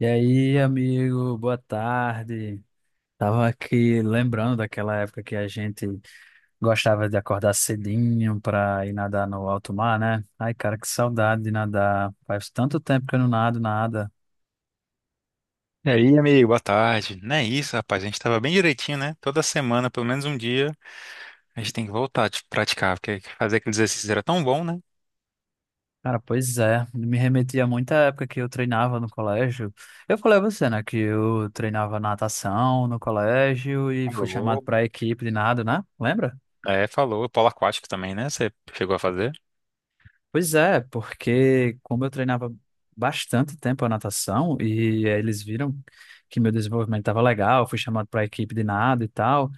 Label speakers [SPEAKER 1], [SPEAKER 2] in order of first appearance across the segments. [SPEAKER 1] E aí, amigo, boa tarde. Tava aqui lembrando daquela época que a gente gostava de acordar cedinho para ir nadar no alto mar, né? Ai, cara, que saudade de nadar. Faz tanto tempo que eu não nado nada.
[SPEAKER 2] E aí, amigo, boa tarde. Não é isso, rapaz. A gente tava bem direitinho, né? Toda semana, pelo menos um dia, a gente tem que voltar a praticar, porque fazer aqueles exercícios era tão bom, né?
[SPEAKER 1] Cara, pois é, me remetia muito à época que eu treinava no colégio. Eu falei a você, né, que eu treinava natação no colégio e fui chamado
[SPEAKER 2] Falou.
[SPEAKER 1] para a equipe de nado, né? Lembra?
[SPEAKER 2] É, falou. Polo aquático também, né? Você chegou a fazer?
[SPEAKER 1] Pois é, porque como eu treinava bastante tempo a natação e eles viram que meu desenvolvimento estava legal, fui chamado para a equipe de nado e tal,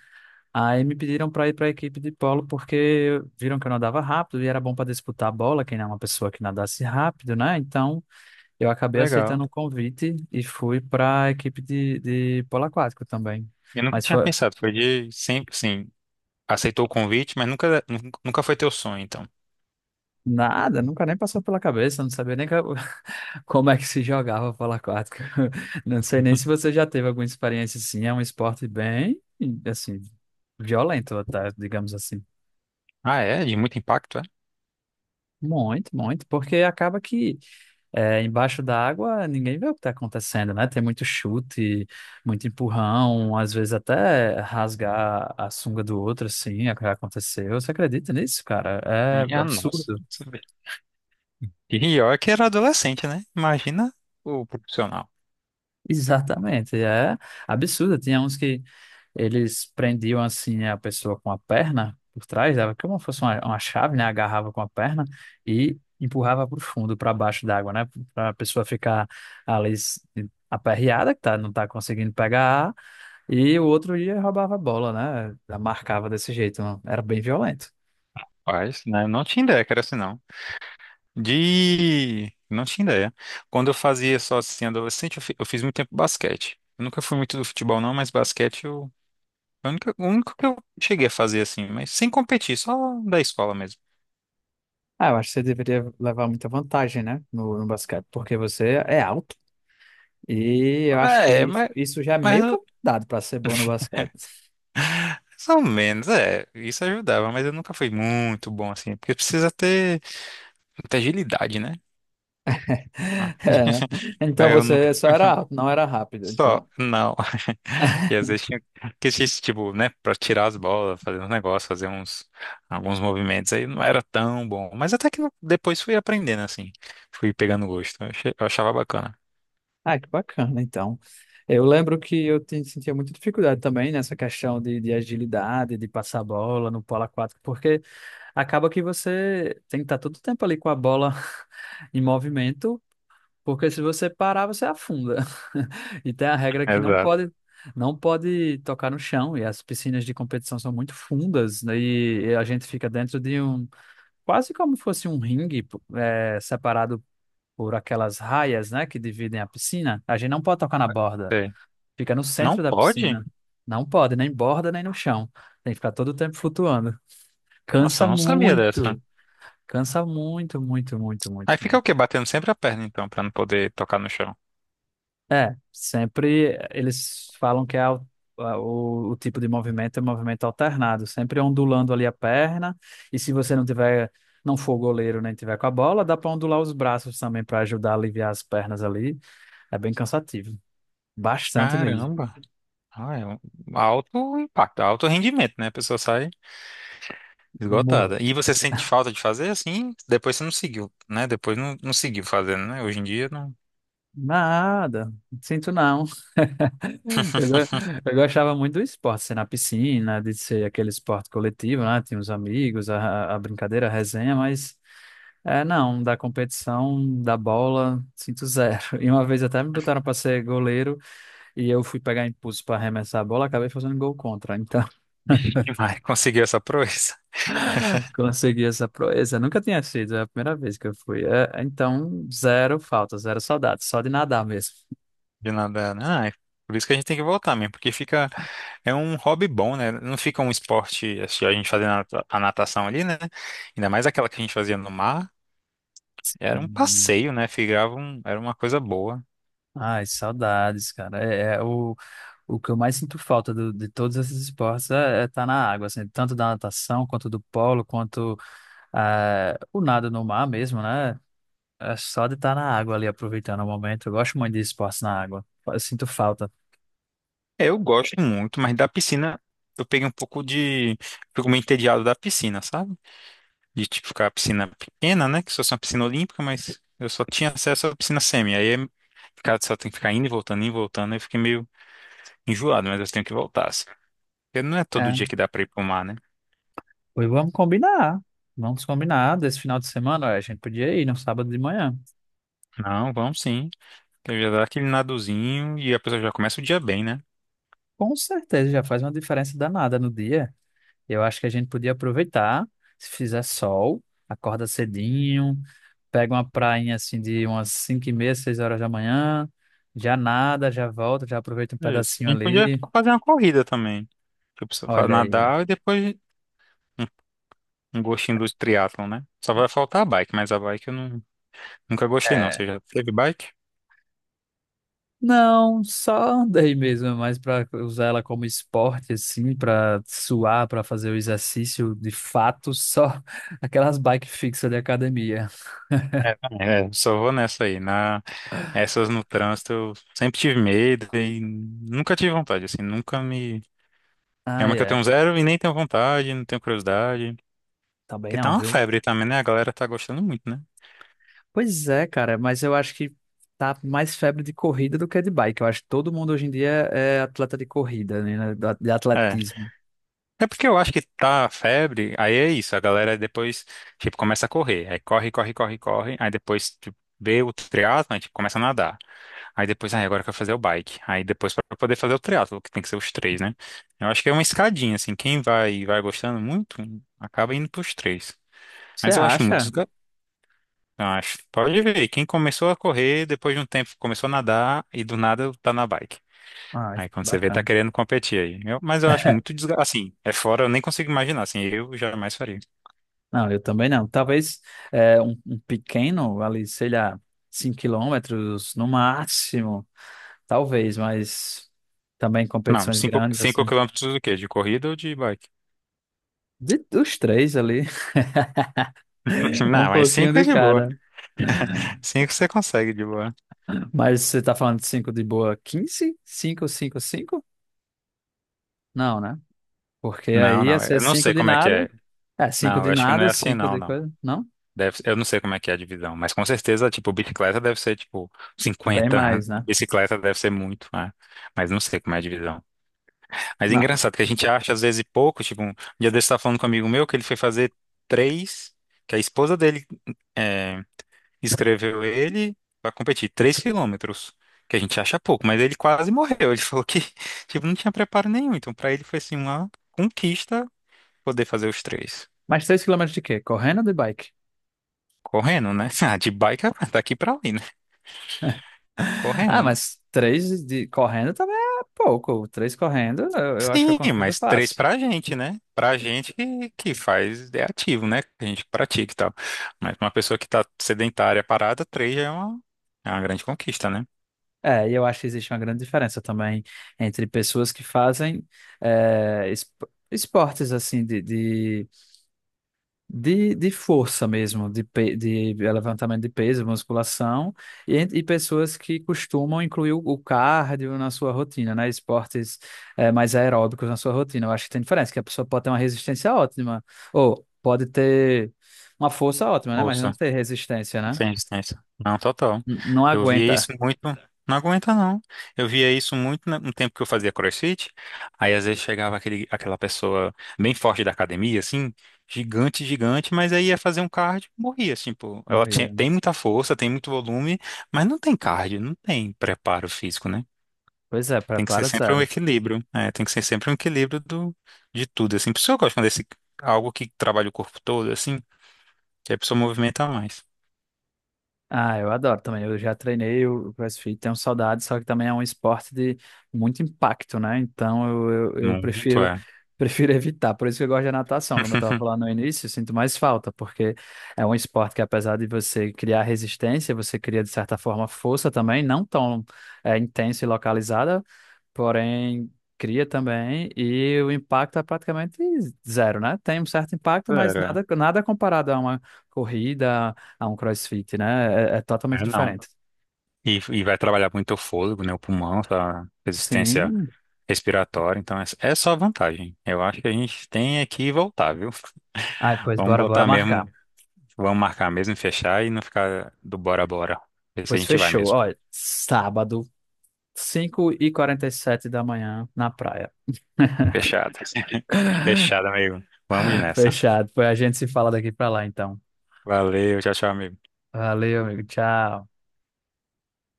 [SPEAKER 1] aí me pediram para ir para a equipe de polo porque viram que eu nadava rápido e era bom para disputar a bola, quem é uma pessoa que nadasse rápido, né? Então eu acabei
[SPEAKER 2] Legal.
[SPEAKER 1] aceitando o convite e fui para a equipe de polo aquático também.
[SPEAKER 2] Eu nunca
[SPEAKER 1] Mas
[SPEAKER 2] tinha
[SPEAKER 1] foi.
[SPEAKER 2] pensado. Foi de sempre, sim, aceitou o convite, mas nunca, nunca foi teu sonho, então.
[SPEAKER 1] Nada, nunca nem passou pela cabeça, não sabia nem como é que se jogava polo aquático. Não sei nem se você já teve alguma experiência assim, é um esporte bem, assim, violento, tá? Digamos assim.
[SPEAKER 2] Ah, é? De muito impacto, é?
[SPEAKER 1] Muito, muito, porque acaba que embaixo da água ninguém vê o que está acontecendo, né? Tem muito chute, muito empurrão, às vezes até rasgar a sunga do outro, assim, é o que aconteceu. Você acredita nisso, cara? É
[SPEAKER 2] Minha nossa.
[SPEAKER 1] absurdo.
[SPEAKER 2] E pior que era adolescente, né? Imagina o profissional.
[SPEAKER 1] Exatamente, é absurdo. Tinha uns que eles prendiam assim a pessoa com a perna por trás, dava como se fosse uma chave, né? Agarrava com a perna e empurrava para o fundo, para baixo d'água, né? Para a pessoa ficar ali aperreada, que tá, não tá conseguindo pegar ar, e o outro ia roubava a bola, né? Já marcava desse jeito, era bem violento.
[SPEAKER 2] Rapaz, né? Não tinha ideia que era assim, não. De. Não tinha ideia. Quando eu fazia só assim, adolescente, eu fiz muito tempo basquete. Eu nunca fui muito do futebol, não, mas basquete é o único que eu cheguei a fazer assim, mas sem competir, só da escola mesmo.
[SPEAKER 1] Ah, eu acho que você deveria levar muita vantagem, né? No basquete, porque você é alto e eu acho que
[SPEAKER 2] É, mas,
[SPEAKER 1] isso já é
[SPEAKER 2] mas
[SPEAKER 1] meio que um dado para ser bom no basquete.
[SPEAKER 2] mais ou menos, é. Isso ajudava, mas eu nunca fui muito bom assim, porque precisa ter muita agilidade, né?
[SPEAKER 1] É, né? Então
[SPEAKER 2] Aí eu nunca.
[SPEAKER 1] você só era alto, não era rápido,
[SPEAKER 2] Só,
[SPEAKER 1] então.
[SPEAKER 2] não. E às vezes tinha que assistir, tipo, né, pra tirar as bolas, fazer uns negócios, alguns movimentos. Aí não era tão bom. Mas até que eu depois fui aprendendo, assim. Fui pegando gosto. Eu achava bacana.
[SPEAKER 1] Ah, que bacana, então. Eu lembro que sentia muita dificuldade também nessa questão de agilidade, de passar a bola no polo aquático, porque acaba que você tem que estar todo o tempo ali com a bola em movimento, porque se você parar, você afunda. E tem a regra que não
[SPEAKER 2] Exato.
[SPEAKER 1] pode não pode tocar no chão, e as piscinas de competição são muito fundas, né, e a gente fica dentro de um quase como fosse um ringue, separado por aquelas raias, né, que dividem a piscina. A gente não pode tocar na borda,
[SPEAKER 2] Sei.
[SPEAKER 1] fica no
[SPEAKER 2] Não
[SPEAKER 1] centro da
[SPEAKER 2] pode?
[SPEAKER 1] piscina. Não pode, nem borda, nem no chão. Tem que ficar todo o tempo flutuando.
[SPEAKER 2] Nossa, eu
[SPEAKER 1] Cansa
[SPEAKER 2] não sabia dessa.
[SPEAKER 1] muito, cansa muito, muito, muito, muito.
[SPEAKER 2] Aí fica o quê? Batendo sempre a perna, então, pra não poder tocar no chão.
[SPEAKER 1] É, sempre eles falam que o tipo de movimento é movimento alternado, sempre ondulando ali a perna, e se você não for goleiro nem tiver com a bola, dá para ondular os braços também para ajudar a aliviar as pernas ali. É bem cansativo, bastante mesmo.
[SPEAKER 2] Caramba. Ah, é um alto impacto, alto rendimento, né? A pessoa sai.
[SPEAKER 1] Morra.
[SPEAKER 2] Esgotada. E você sente falta de fazer assim? Depois você não seguiu, né? Depois não seguiu fazendo, né? Hoje em dia não
[SPEAKER 1] Nada, sinto não. Eu, go- eu gostava muito do esporte, ser na piscina, de ser aquele esporte coletivo, né? Tinha os amigos, a brincadeira, a resenha, mas. É, não, da competição, da bola, sinto zero. E uma vez até me botaram para ser goleiro e eu fui pegar impulso para arremessar a bola, acabei fazendo gol contra. Então,
[SPEAKER 2] quem vai conseguir essa proeza
[SPEAKER 1] consegui essa proeza. Nunca tinha sido, é a primeira vez que eu fui. É, então, zero falta, zero saudades, só de nadar mesmo.
[SPEAKER 2] de nadar, né? Ah, é por isso que a gente tem que voltar mesmo, porque fica. É um hobby bom, né? Não fica um esporte, assim, a gente fazendo a natação ali, né? Ainda mais aquela que a gente fazia no mar. Era um
[SPEAKER 1] Hum.
[SPEAKER 2] passeio, né? Era uma coisa boa.
[SPEAKER 1] Ai, saudades, cara. O que eu mais sinto falta de todos esses esportes é estar na água, assim, tanto da natação, quanto do polo, quanto o nado no mar mesmo, né? É só de estar na água ali, aproveitando o momento. Eu gosto muito de esportes na água. Eu sinto falta.
[SPEAKER 2] É, eu gosto muito, mas da piscina eu peguei um pouco de. Fico meio entediado da piscina, sabe? De tipo ficar a piscina pequena, né? Que só fosse uma piscina olímpica, mas eu só tinha acesso à piscina semi. Aí ficar, só tem que ficar indo e voltando, indo e voltando. Aí eu fiquei meio enjoado, mas eu tenho que voltar, assim. Porque não é todo
[SPEAKER 1] É.
[SPEAKER 2] dia que dá pra ir pro mar, né?
[SPEAKER 1] Pois vamos combinar. Vamos combinar. Desse final de semana, olha, a gente podia ir no sábado de manhã.
[SPEAKER 2] Não, vamos sim. Então já dá aquele nadozinho e a pessoa já começa o dia bem, né?
[SPEAKER 1] Com certeza, já faz uma diferença danada no dia. Eu acho que a gente podia aproveitar. Se fizer sol, acorda cedinho, pega uma prainha assim de umas 5h30, 6h da manhã. Já nada, já volta, já aproveita um
[SPEAKER 2] Isso.
[SPEAKER 1] pedacinho
[SPEAKER 2] A gente podia
[SPEAKER 1] ali.
[SPEAKER 2] fazer uma corrida também. Que a pessoa
[SPEAKER 1] Olha aí, ó.
[SPEAKER 2] nadar e depois um, um gostinho do triatlon, né? Só vai faltar a bike, mas a bike eu não, nunca gostei, não.
[SPEAKER 1] É,
[SPEAKER 2] Você já teve bike?
[SPEAKER 1] não, só andei mesmo, é mais para usar ela como esporte, assim, para suar, para fazer o exercício de fato, só aquelas bike fixas de academia.
[SPEAKER 2] É, também. É, só vou nessa aí. Essas no trânsito eu sempre tive medo e nunca tive vontade, assim, nunca me. É
[SPEAKER 1] Ah,
[SPEAKER 2] uma que eu
[SPEAKER 1] é.
[SPEAKER 2] tenho zero e nem tenho vontade, não tenho curiosidade.
[SPEAKER 1] Também
[SPEAKER 2] Porque tá
[SPEAKER 1] não,
[SPEAKER 2] uma
[SPEAKER 1] viu?
[SPEAKER 2] febre também, né? A galera tá gostando muito, né?
[SPEAKER 1] Pois é, cara, mas eu acho que tá mais febre de corrida do que de bike. Eu acho que todo mundo hoje em dia é atleta de corrida, né? Né, de
[SPEAKER 2] É.
[SPEAKER 1] atletismo.
[SPEAKER 2] É porque eu acho que tá febre, aí é isso, a galera depois, tipo, começa a correr. Aí corre, corre, corre, corre. Aí depois tipo, vê o triatlo, aí tipo, começa a nadar. Aí depois, aí agora eu quero fazer o bike. Aí depois pra poder fazer o triatlo, que tem que ser os três, né? Eu acho que é uma escadinha, assim, quem vai gostando muito, acaba indo pros três.
[SPEAKER 1] Você
[SPEAKER 2] Mas eu acho muito
[SPEAKER 1] acha?
[SPEAKER 2] desgastante. Acho. Pode ver, quem começou a correr, depois de um tempo começou a nadar e do nada tá na bike.
[SPEAKER 1] Ah,
[SPEAKER 2] Aí quando você vê, tá
[SPEAKER 1] bacana.
[SPEAKER 2] querendo competir aí. Mas eu acho muito desgastante. Assim, é fora, eu nem consigo imaginar. Assim, eu jamais faria.
[SPEAKER 1] Não, eu também não. Talvez um pequeno, ali, sei lá, 5 quilômetros no máximo. Talvez, mas também
[SPEAKER 2] Não,
[SPEAKER 1] competições
[SPEAKER 2] 5
[SPEAKER 1] grandes,
[SPEAKER 2] cinco,
[SPEAKER 1] assim.
[SPEAKER 2] quilômetros do quê? De corrida ou de bike?
[SPEAKER 1] De, dos três ali, um
[SPEAKER 2] Não, mas
[SPEAKER 1] pouquinho
[SPEAKER 2] 5 é
[SPEAKER 1] de
[SPEAKER 2] de boa.
[SPEAKER 1] cada.
[SPEAKER 2] Cinco você consegue de boa.
[SPEAKER 1] Mas você tá falando de 5 de boa, 15, cinco, cinco, cinco? Não, né? Porque
[SPEAKER 2] Não,
[SPEAKER 1] aí ia
[SPEAKER 2] não,
[SPEAKER 1] ser
[SPEAKER 2] eu não
[SPEAKER 1] 5
[SPEAKER 2] sei
[SPEAKER 1] de
[SPEAKER 2] como é que é.
[SPEAKER 1] nada. É, 5
[SPEAKER 2] Não, eu
[SPEAKER 1] de
[SPEAKER 2] acho que não é
[SPEAKER 1] nada,
[SPEAKER 2] assim,
[SPEAKER 1] 5
[SPEAKER 2] não,
[SPEAKER 1] de
[SPEAKER 2] não.
[SPEAKER 1] coisa. Não?
[SPEAKER 2] Deve, eu não sei como é que é a divisão, mas com certeza, tipo, bicicleta deve ser, tipo,
[SPEAKER 1] Bem
[SPEAKER 2] 50.
[SPEAKER 1] mais, né?
[SPEAKER 2] Bicicleta deve ser muito, né? Mas não sei como é a divisão. Mas é
[SPEAKER 1] Não.
[SPEAKER 2] engraçado que a gente acha, às vezes, pouco. Tipo, um dia desse eu tava falando com um amigo meu que ele foi fazer três, que a esposa dele é, escreveu ele pra competir, 3 km, que a gente acha pouco, mas ele quase morreu. Ele falou que, tipo, não tinha preparo nenhum. Então, pra ele foi, assim, uma conquista poder fazer os três.
[SPEAKER 1] Mas 3 quilômetros de quê? Correndo ou de bike?
[SPEAKER 2] Correndo, né? Ah, de bike, ah, daqui pra ali, né?
[SPEAKER 1] Ah,
[SPEAKER 2] Correndo, né?
[SPEAKER 1] mas 3 de correndo também é pouco. Três correndo, eu acho que eu
[SPEAKER 2] Sim,
[SPEAKER 1] consigo, eu
[SPEAKER 2] mas três
[SPEAKER 1] faço.
[SPEAKER 2] pra gente, né? Pra gente que faz, é ativo, né? Que a gente pratica e tal. Mas uma pessoa que tá sedentária, parada, três já é uma grande conquista, né?
[SPEAKER 1] É, e eu acho que existe uma grande diferença também entre pessoas que fazem é, es- esportes assim de força mesmo, de levantamento de peso, musculação, e pessoas que costumam incluir o cardio na sua rotina, né? Esportes mais aeróbicos na sua rotina. Eu acho que tem diferença, que a pessoa pode ter uma resistência ótima, ou pode ter uma força ótima, né?
[SPEAKER 2] Ou
[SPEAKER 1] Mas não ter resistência, né?
[SPEAKER 2] sem distância. Não, total.
[SPEAKER 1] Não
[SPEAKER 2] Eu via
[SPEAKER 1] aguenta.
[SPEAKER 2] isso muito. Não aguenta, não. Eu via isso muito no tempo que eu fazia CrossFit. Aí às vezes chegava aquela pessoa bem forte da academia, assim, gigante, gigante, mas aí ia fazer um cardio, morria, assim, pô. Ela tinha-
[SPEAKER 1] Morrer.
[SPEAKER 2] tem muita força, tem muito volume, mas não tem cardio, não tem preparo físico, né?
[SPEAKER 1] Pois é,
[SPEAKER 2] Tem que ser
[SPEAKER 1] prepara
[SPEAKER 2] sempre um
[SPEAKER 1] zero.
[SPEAKER 2] equilíbrio. É, tem que ser sempre um equilíbrio de tudo, assim. Por isso que eu gosto quando algo que trabalha o corpo todo, assim, que a pessoa movimenta mais.
[SPEAKER 1] Ah, eu adoro também. Eu já treinei o CrossFit, tenho saudade, só que também é um esporte de muito impacto, né? Então eu
[SPEAKER 2] Muito
[SPEAKER 1] prefiro
[SPEAKER 2] é.
[SPEAKER 1] prefiro evitar. Por isso que eu gosto da natação, como eu estava falando no início, eu sinto mais falta, porque é um esporte que apesar de você criar resistência, você cria de certa forma força também, não tão intensa e localizada, porém cria também e o impacto é praticamente zero, né? Tem um certo impacto, mas
[SPEAKER 2] Zero, é.
[SPEAKER 1] nada nada comparado a uma corrida a um CrossFit, né? É, é totalmente
[SPEAKER 2] É, não.
[SPEAKER 1] diferente.
[SPEAKER 2] E vai trabalhar muito o fôlego, né? O pulmão, a resistência
[SPEAKER 1] Sim.
[SPEAKER 2] respiratória. Então, é só vantagem. Eu acho que a gente tem aqui voltar, viu?
[SPEAKER 1] Ai, pois
[SPEAKER 2] Vamos
[SPEAKER 1] bora, bora
[SPEAKER 2] botar
[SPEAKER 1] marcar.
[SPEAKER 2] mesmo, vamos marcar mesmo, fechar e não ficar do bora bora. Ver se a
[SPEAKER 1] Pois
[SPEAKER 2] gente vai
[SPEAKER 1] fechou.
[SPEAKER 2] mesmo.
[SPEAKER 1] Olha, sábado, 5h47 da manhã, na praia.
[SPEAKER 2] Fechado. Fechado, amigo. Vamos nessa.
[SPEAKER 1] Fechado. Pois a gente se fala daqui pra lá, então.
[SPEAKER 2] Valeu, tchau, tchau, amigo.
[SPEAKER 1] Valeu, amigo. Tchau.